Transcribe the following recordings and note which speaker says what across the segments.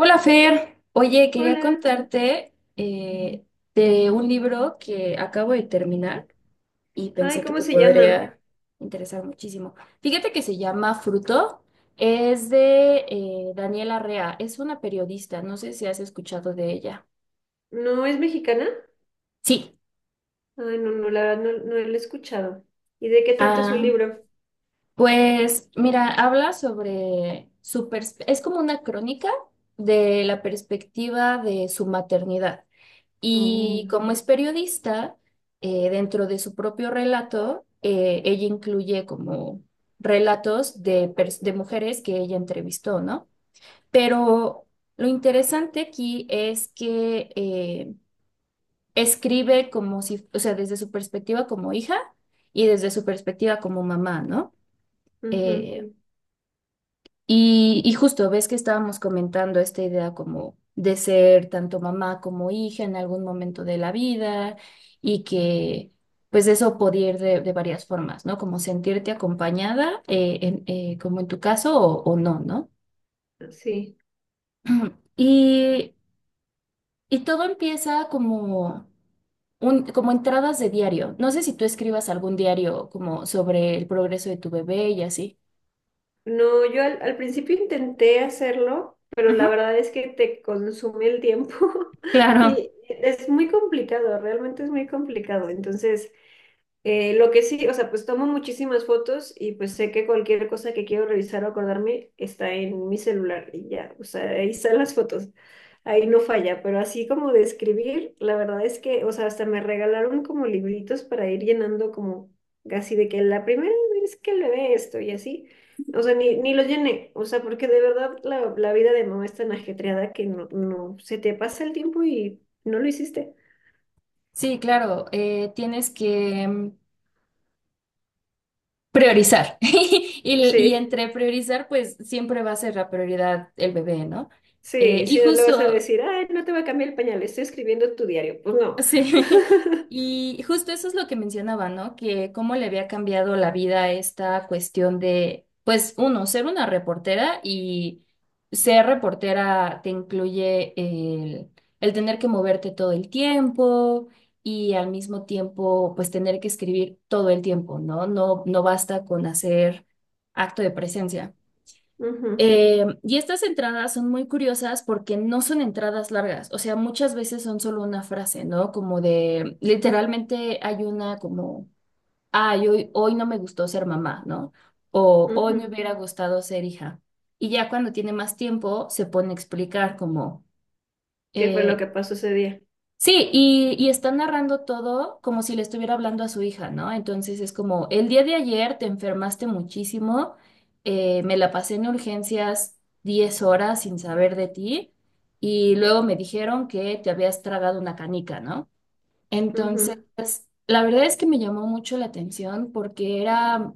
Speaker 1: Hola Fer, oye, quería
Speaker 2: Hola.
Speaker 1: contarte de un libro que acabo de terminar y
Speaker 2: Ay,
Speaker 1: pensé que
Speaker 2: ¿cómo
Speaker 1: te
Speaker 2: se llama?
Speaker 1: podría interesar muchísimo. Fíjate que se llama Fruto, es de Daniela Rea, es una periodista, no sé si has escuchado de ella.
Speaker 2: ¿No es mexicana?
Speaker 1: Sí,
Speaker 2: Ay, no, la verdad no la he escuchado. ¿Y de qué trata su
Speaker 1: ah,
Speaker 2: libro?
Speaker 1: pues mira, habla sobre es como una crónica de la perspectiva de su maternidad.
Speaker 2: Oh,
Speaker 1: Y como es periodista, dentro de su propio relato, ella incluye como relatos de, de mujeres que ella entrevistó, ¿no? Pero lo interesante aquí es que escribe como si, o sea, desde su perspectiva como hija y desde su perspectiva como mamá, ¿no?
Speaker 2: ujú.
Speaker 1: Eh, y justo ves que estábamos comentando esta idea como de ser tanto mamá como hija en algún momento de la vida y que pues eso podía ir de varias formas, ¿no? Como sentirte acompañada, como en tu caso, o no, ¿no?
Speaker 2: Sí.
Speaker 1: Y, y todo empieza como, un, como entradas de diario. No sé si tú escribas algún diario como sobre el progreso de tu bebé y así.
Speaker 2: No, yo al principio intenté hacerlo, pero
Speaker 1: Ujú.
Speaker 2: la verdad es que te consume el tiempo
Speaker 1: Claro,
Speaker 2: y es muy complicado, realmente es muy complicado. Entonces, lo que sí, o sea, pues tomo muchísimas fotos y pues sé que cualquier cosa que quiero revisar o acordarme está en mi celular y ya, o sea, ahí están las fotos, ahí no falla, pero así como de escribir, la verdad es que, o sea, hasta me regalaron como libritos para ir llenando como casi de que la primera vez que le ve esto y así, o sea, ni lo llené, o sea, porque de verdad la vida de mamá es tan ajetreada que no, se te pasa el tiempo y no lo hiciste.
Speaker 1: sí, claro. Tienes que... priorizar. Y, y
Speaker 2: Sí.
Speaker 1: entre priorizar, pues siempre va a ser la prioridad el bebé, ¿no?
Speaker 2: Sí,
Speaker 1: Y
Speaker 2: si no le vas a
Speaker 1: justo,
Speaker 2: decir, ay, no te va a cambiar el pañal, estoy escribiendo tu diario. Pues no.
Speaker 1: sí, y justo eso es lo que mencionaba, ¿no? Que cómo le había cambiado la vida a esta cuestión de, pues, uno, ser una reportera y ser reportera te incluye el tener que moverte todo el tiempo y al mismo tiempo, pues, tener que escribir todo el tiempo, ¿no? No, no basta con hacer acto de presencia.
Speaker 2: Ujú,
Speaker 1: Y estas entradas son muy curiosas porque no son entradas largas, o sea, muchas veces son solo una frase, ¿no? Como de, literalmente hay una como, ay, hoy no me gustó ser mamá, ¿no? O hoy me
Speaker 2: ujú.
Speaker 1: hubiera gustado ser hija. Y ya cuando tiene más tiempo se pone a explicar como,
Speaker 2: ¿Qué fue lo
Speaker 1: eh,
Speaker 2: que pasó ese día?
Speaker 1: sí, y está narrando todo como si le estuviera hablando a su hija, ¿no? Entonces es como, el día de ayer te enfermaste muchísimo, me la pasé en urgencias 10 horas sin saber de ti, y luego me dijeron que te habías tragado una canica, ¿no? Entonces,
Speaker 2: Ujú.
Speaker 1: la verdad es que me llamó mucho la atención porque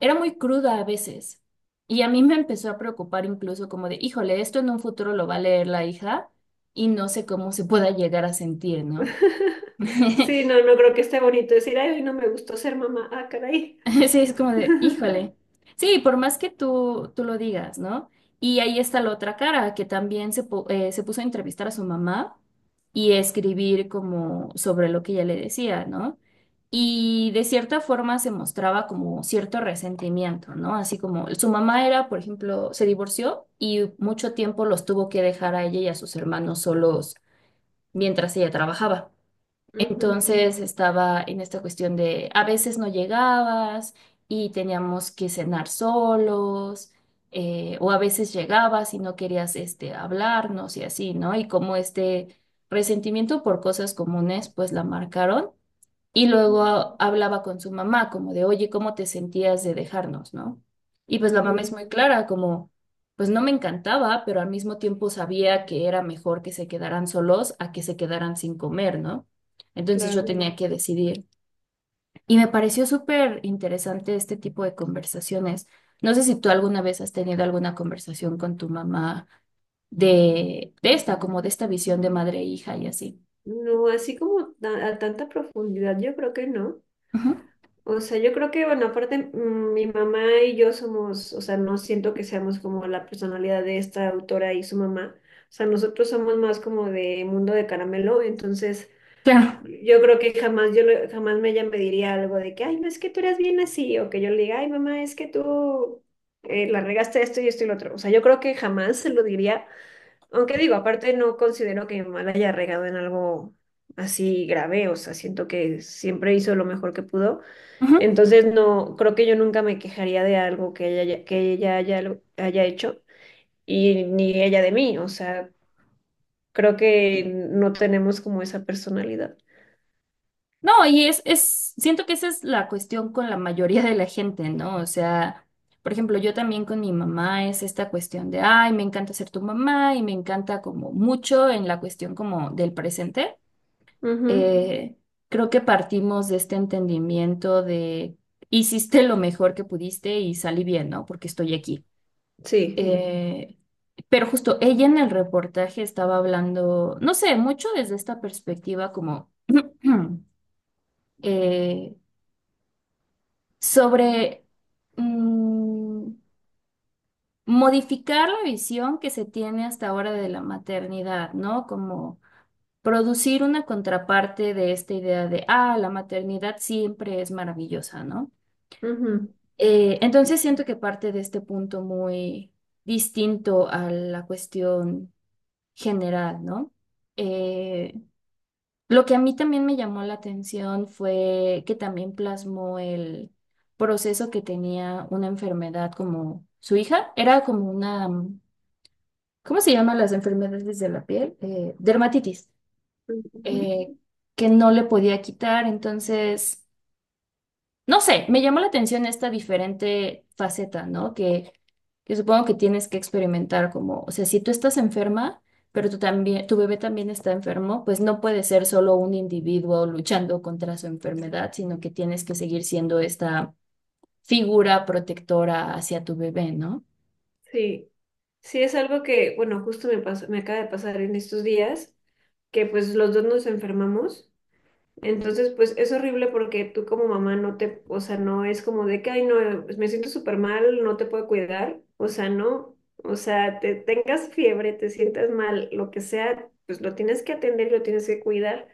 Speaker 1: era muy cruda a veces. Y a mí me empezó a preocupar incluso como de, híjole, esto en un futuro lo va a leer la hija y no sé cómo se pueda llegar a sentir, ¿no?
Speaker 2: Sí, no, no creo que esté bonito decir, ay, hoy no me gustó ser mamá. Ah, caray.
Speaker 1: Sí, es como de, híjole. Sí, por más que tú lo digas, ¿no? Y ahí está la otra cara, que también se puso a entrevistar a su mamá y escribir como sobre lo que ella le decía, ¿no? Y de cierta forma se mostraba como cierto resentimiento, ¿no? Así como su mamá era, por ejemplo, se divorció y mucho tiempo los tuvo que dejar a ella y a sus hermanos solos mientras ella trabajaba.
Speaker 2: Ujú,
Speaker 1: Entonces estaba en esta cuestión de a veces no llegabas y teníamos que cenar solos, o a veces llegabas y no querías este, hablarnos y así, ¿no? Y como este resentimiento por cosas comunes, pues la marcaron. Y luego
Speaker 2: ujú,
Speaker 1: hablaba con su mamá, como de, oye, ¿cómo te sentías de dejarnos, no? Y pues la mamá es
Speaker 2: ujú.
Speaker 1: muy clara, como, pues no me encantaba, pero al mismo tiempo sabía que era mejor que se quedaran solos a que se quedaran sin comer, ¿no? Entonces yo
Speaker 2: Claro.
Speaker 1: tenía que decidir. Y me pareció súper interesante este tipo de conversaciones. No sé si tú alguna vez has tenido alguna conversación con tu mamá de esta, como de esta visión de madre e hija y así.
Speaker 2: No, así como a tanta profundidad, yo creo que no.
Speaker 1: Ujú.
Speaker 2: O sea, yo creo que, bueno, aparte, mi mamá y yo somos, o sea, no siento que seamos como la personalidad de esta autora y su mamá. O sea, nosotros somos más como de mundo de caramelo, entonces
Speaker 1: Claro.
Speaker 2: yo creo que jamás yo le- jamás me- ella me diría algo de que, ay, no es que tú eres bien así, o que yo le diga, ay, mamá, es que tú la regaste esto y esto y lo otro. O sea, yo creo que jamás se lo diría, aunque digo, aparte no considero que mi mamá la haya regado en algo así grave, o sea, siento que siempre hizo lo mejor que pudo.
Speaker 1: Ujú.
Speaker 2: Entonces, no, creo que yo nunca me quejaría de algo que que ella haya hecho y ni ella de mí. O sea, creo que no tenemos como esa personalidad.
Speaker 1: No, es, siento que esa es la cuestión con la mayoría de la gente, ¿no? O sea, por ejemplo, yo también con mi mamá es esta cuestión de, ay, me encanta ser tu mamá y me encanta como mucho en la cuestión como del presente.
Speaker 2: Ujú.
Speaker 1: Eh, creo que partimos de este entendimiento de, hiciste lo mejor que pudiste y salí bien, ¿no? Porque estoy aquí.
Speaker 2: Sí.
Speaker 1: Eh, pero justo ella en el reportaje estaba hablando, no sé, mucho desde esta perspectiva como... eh, sobre mm, modificar la visión que se tiene hasta ahora de la maternidad, ¿no? Como producir una contraparte de esta idea de, ah, la maternidad siempre es maravillosa, ¿no?
Speaker 2: Ujú,
Speaker 1: Entonces siento que parte de este punto muy distinto a la cuestión general, ¿no? Eh, lo que a mí también me llamó la atención fue que también plasmó el proceso que tenía una enfermedad como su hija. Era como una, ¿cómo se llaman las enfermedades de la piel? Dermatitis,
Speaker 2: ujú.
Speaker 1: eh, que no le podía quitar. Entonces, no sé, me llamó la atención esta diferente faceta, ¿no? Que supongo que tienes que experimentar como, o sea, si tú estás enferma, pero tú también, tu bebé también está enfermo, pues no puede ser solo un individuo luchando contra su enfermedad, sino que tienes que seguir siendo esta figura protectora hacia tu bebé, ¿no?
Speaker 2: Sí. Sí, es algo que, bueno, justo me acaba de pasar en estos días, que pues los dos nos enfermamos. Entonces, pues es horrible porque tú como mamá no te, o sea, no es como de que, ay, no, pues, me siento súper mal, no te puedo cuidar, o sea, no, o sea, te tengas fiebre, te sientas mal, lo que sea, pues lo tienes que atender, lo tienes que cuidar.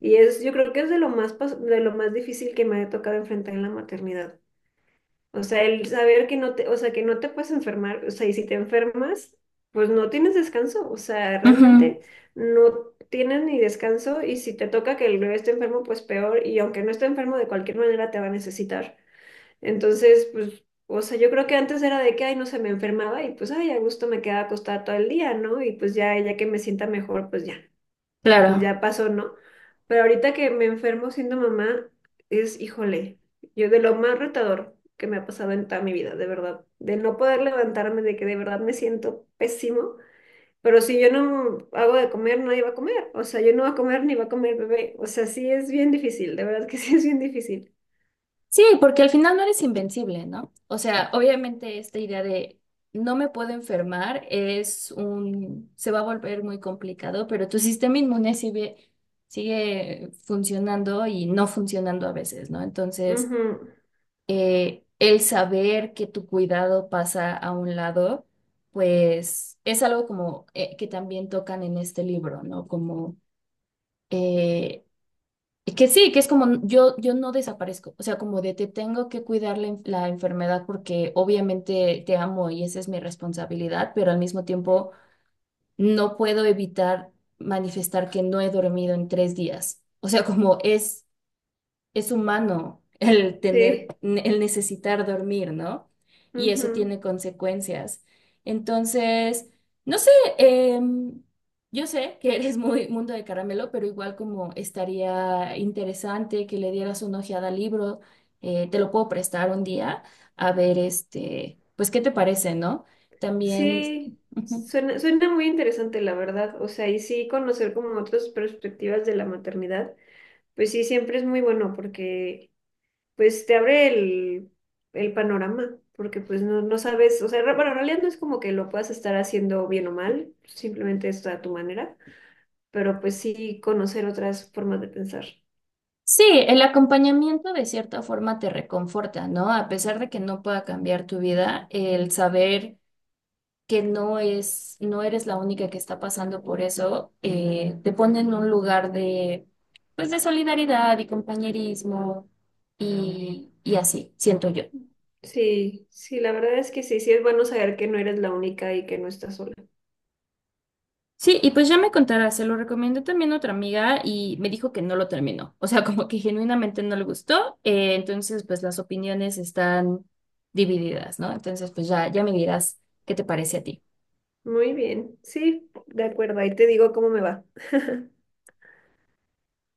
Speaker 2: Y es, yo creo que es de de lo más difícil que me ha tocado enfrentar en la maternidad. O sea, el saber que no te, o sea, que no te puedes enfermar, o sea, y si te enfermas, pues no tienes descanso, o sea,
Speaker 1: Ujú.
Speaker 2: realmente no tienes ni descanso, y si te toca que el bebé esté enfermo, pues peor, y aunque no esté enfermo, de cualquier manera te va a necesitar. Entonces, pues, o sea, yo creo que antes era de que, ay, no se me enfermaba y pues, ay, a gusto me quedaba acostada todo el día, ¿no? Y pues ya, ya que me sienta mejor, pues ya, pues
Speaker 1: Claro.
Speaker 2: ya pasó, ¿no? Pero ahorita que me enfermo siendo mamá, es, híjole, yo de lo más retador que me ha pasado en toda mi vida, de verdad, de no poder levantarme, de que de verdad me siento pésimo, pero si yo no hago de comer, nadie va a comer, o sea, yo no voy a comer ni va a comer el bebé, o sea, sí es bien difícil, de verdad que sí es bien difícil.
Speaker 1: Sí, porque al final no eres invencible, ¿no? O sea, obviamente esta idea de no me puedo enfermar es un, se va a volver muy complicado, pero tu sistema inmune sigue funcionando y no funcionando a veces, ¿no? Entonces,
Speaker 2: Ujú.
Speaker 1: el saber que tu cuidado pasa a un lado, pues es algo como que también tocan en este libro, ¿no? Como eh, que sí, que es como yo no desaparezco, o sea, como de te tengo que cuidar la enfermedad porque obviamente te amo y esa es mi responsabilidad, pero al mismo tiempo no puedo evitar manifestar que no he dormido en 3 días. O sea, como es humano el tener,
Speaker 2: Sí,
Speaker 1: el necesitar dormir, ¿no? Y eso
Speaker 2: ujú.
Speaker 1: tiene consecuencias. Entonces, no sé, em, yo sé que eres muy mundo de caramelo, pero igual como estaría interesante que le dieras una ojeada al libro, te lo puedo prestar un día, a ver, este, pues, ¿qué te parece, no? También...
Speaker 2: Sí,
Speaker 1: ujú.
Speaker 2: suena, suena muy interesante, la verdad, o sea, y sí conocer como otras perspectivas de la maternidad. Pues sí, siempre es muy bueno porque pues te abre el panorama, porque pues no, no sabes, o sea, bueno, en realidad no es como que lo puedas estar haciendo bien o mal, simplemente está a tu manera, pero pues sí conocer otras formas de pensar.
Speaker 1: Sí, el acompañamiento de cierta forma te reconforta, ¿no? A pesar de que no pueda cambiar tu vida, el saber que no eres la única que está pasando por eso, te pone en un lugar de, pues, de solidaridad y compañerismo y así, siento yo.
Speaker 2: Sí, sí, la verdad es que sí, sí es bueno saber que no eres la única y que no estás sola.
Speaker 1: Sí, y pues ya me contará, se lo recomendé también a otra amiga y me dijo que no lo terminó, o sea, como que genuinamente no le gustó, entonces pues las opiniones están divididas, ¿no? Entonces pues ya, ya me dirás qué te parece a ti.
Speaker 2: Muy bien, sí, de acuerdo, ahí te digo cómo me va.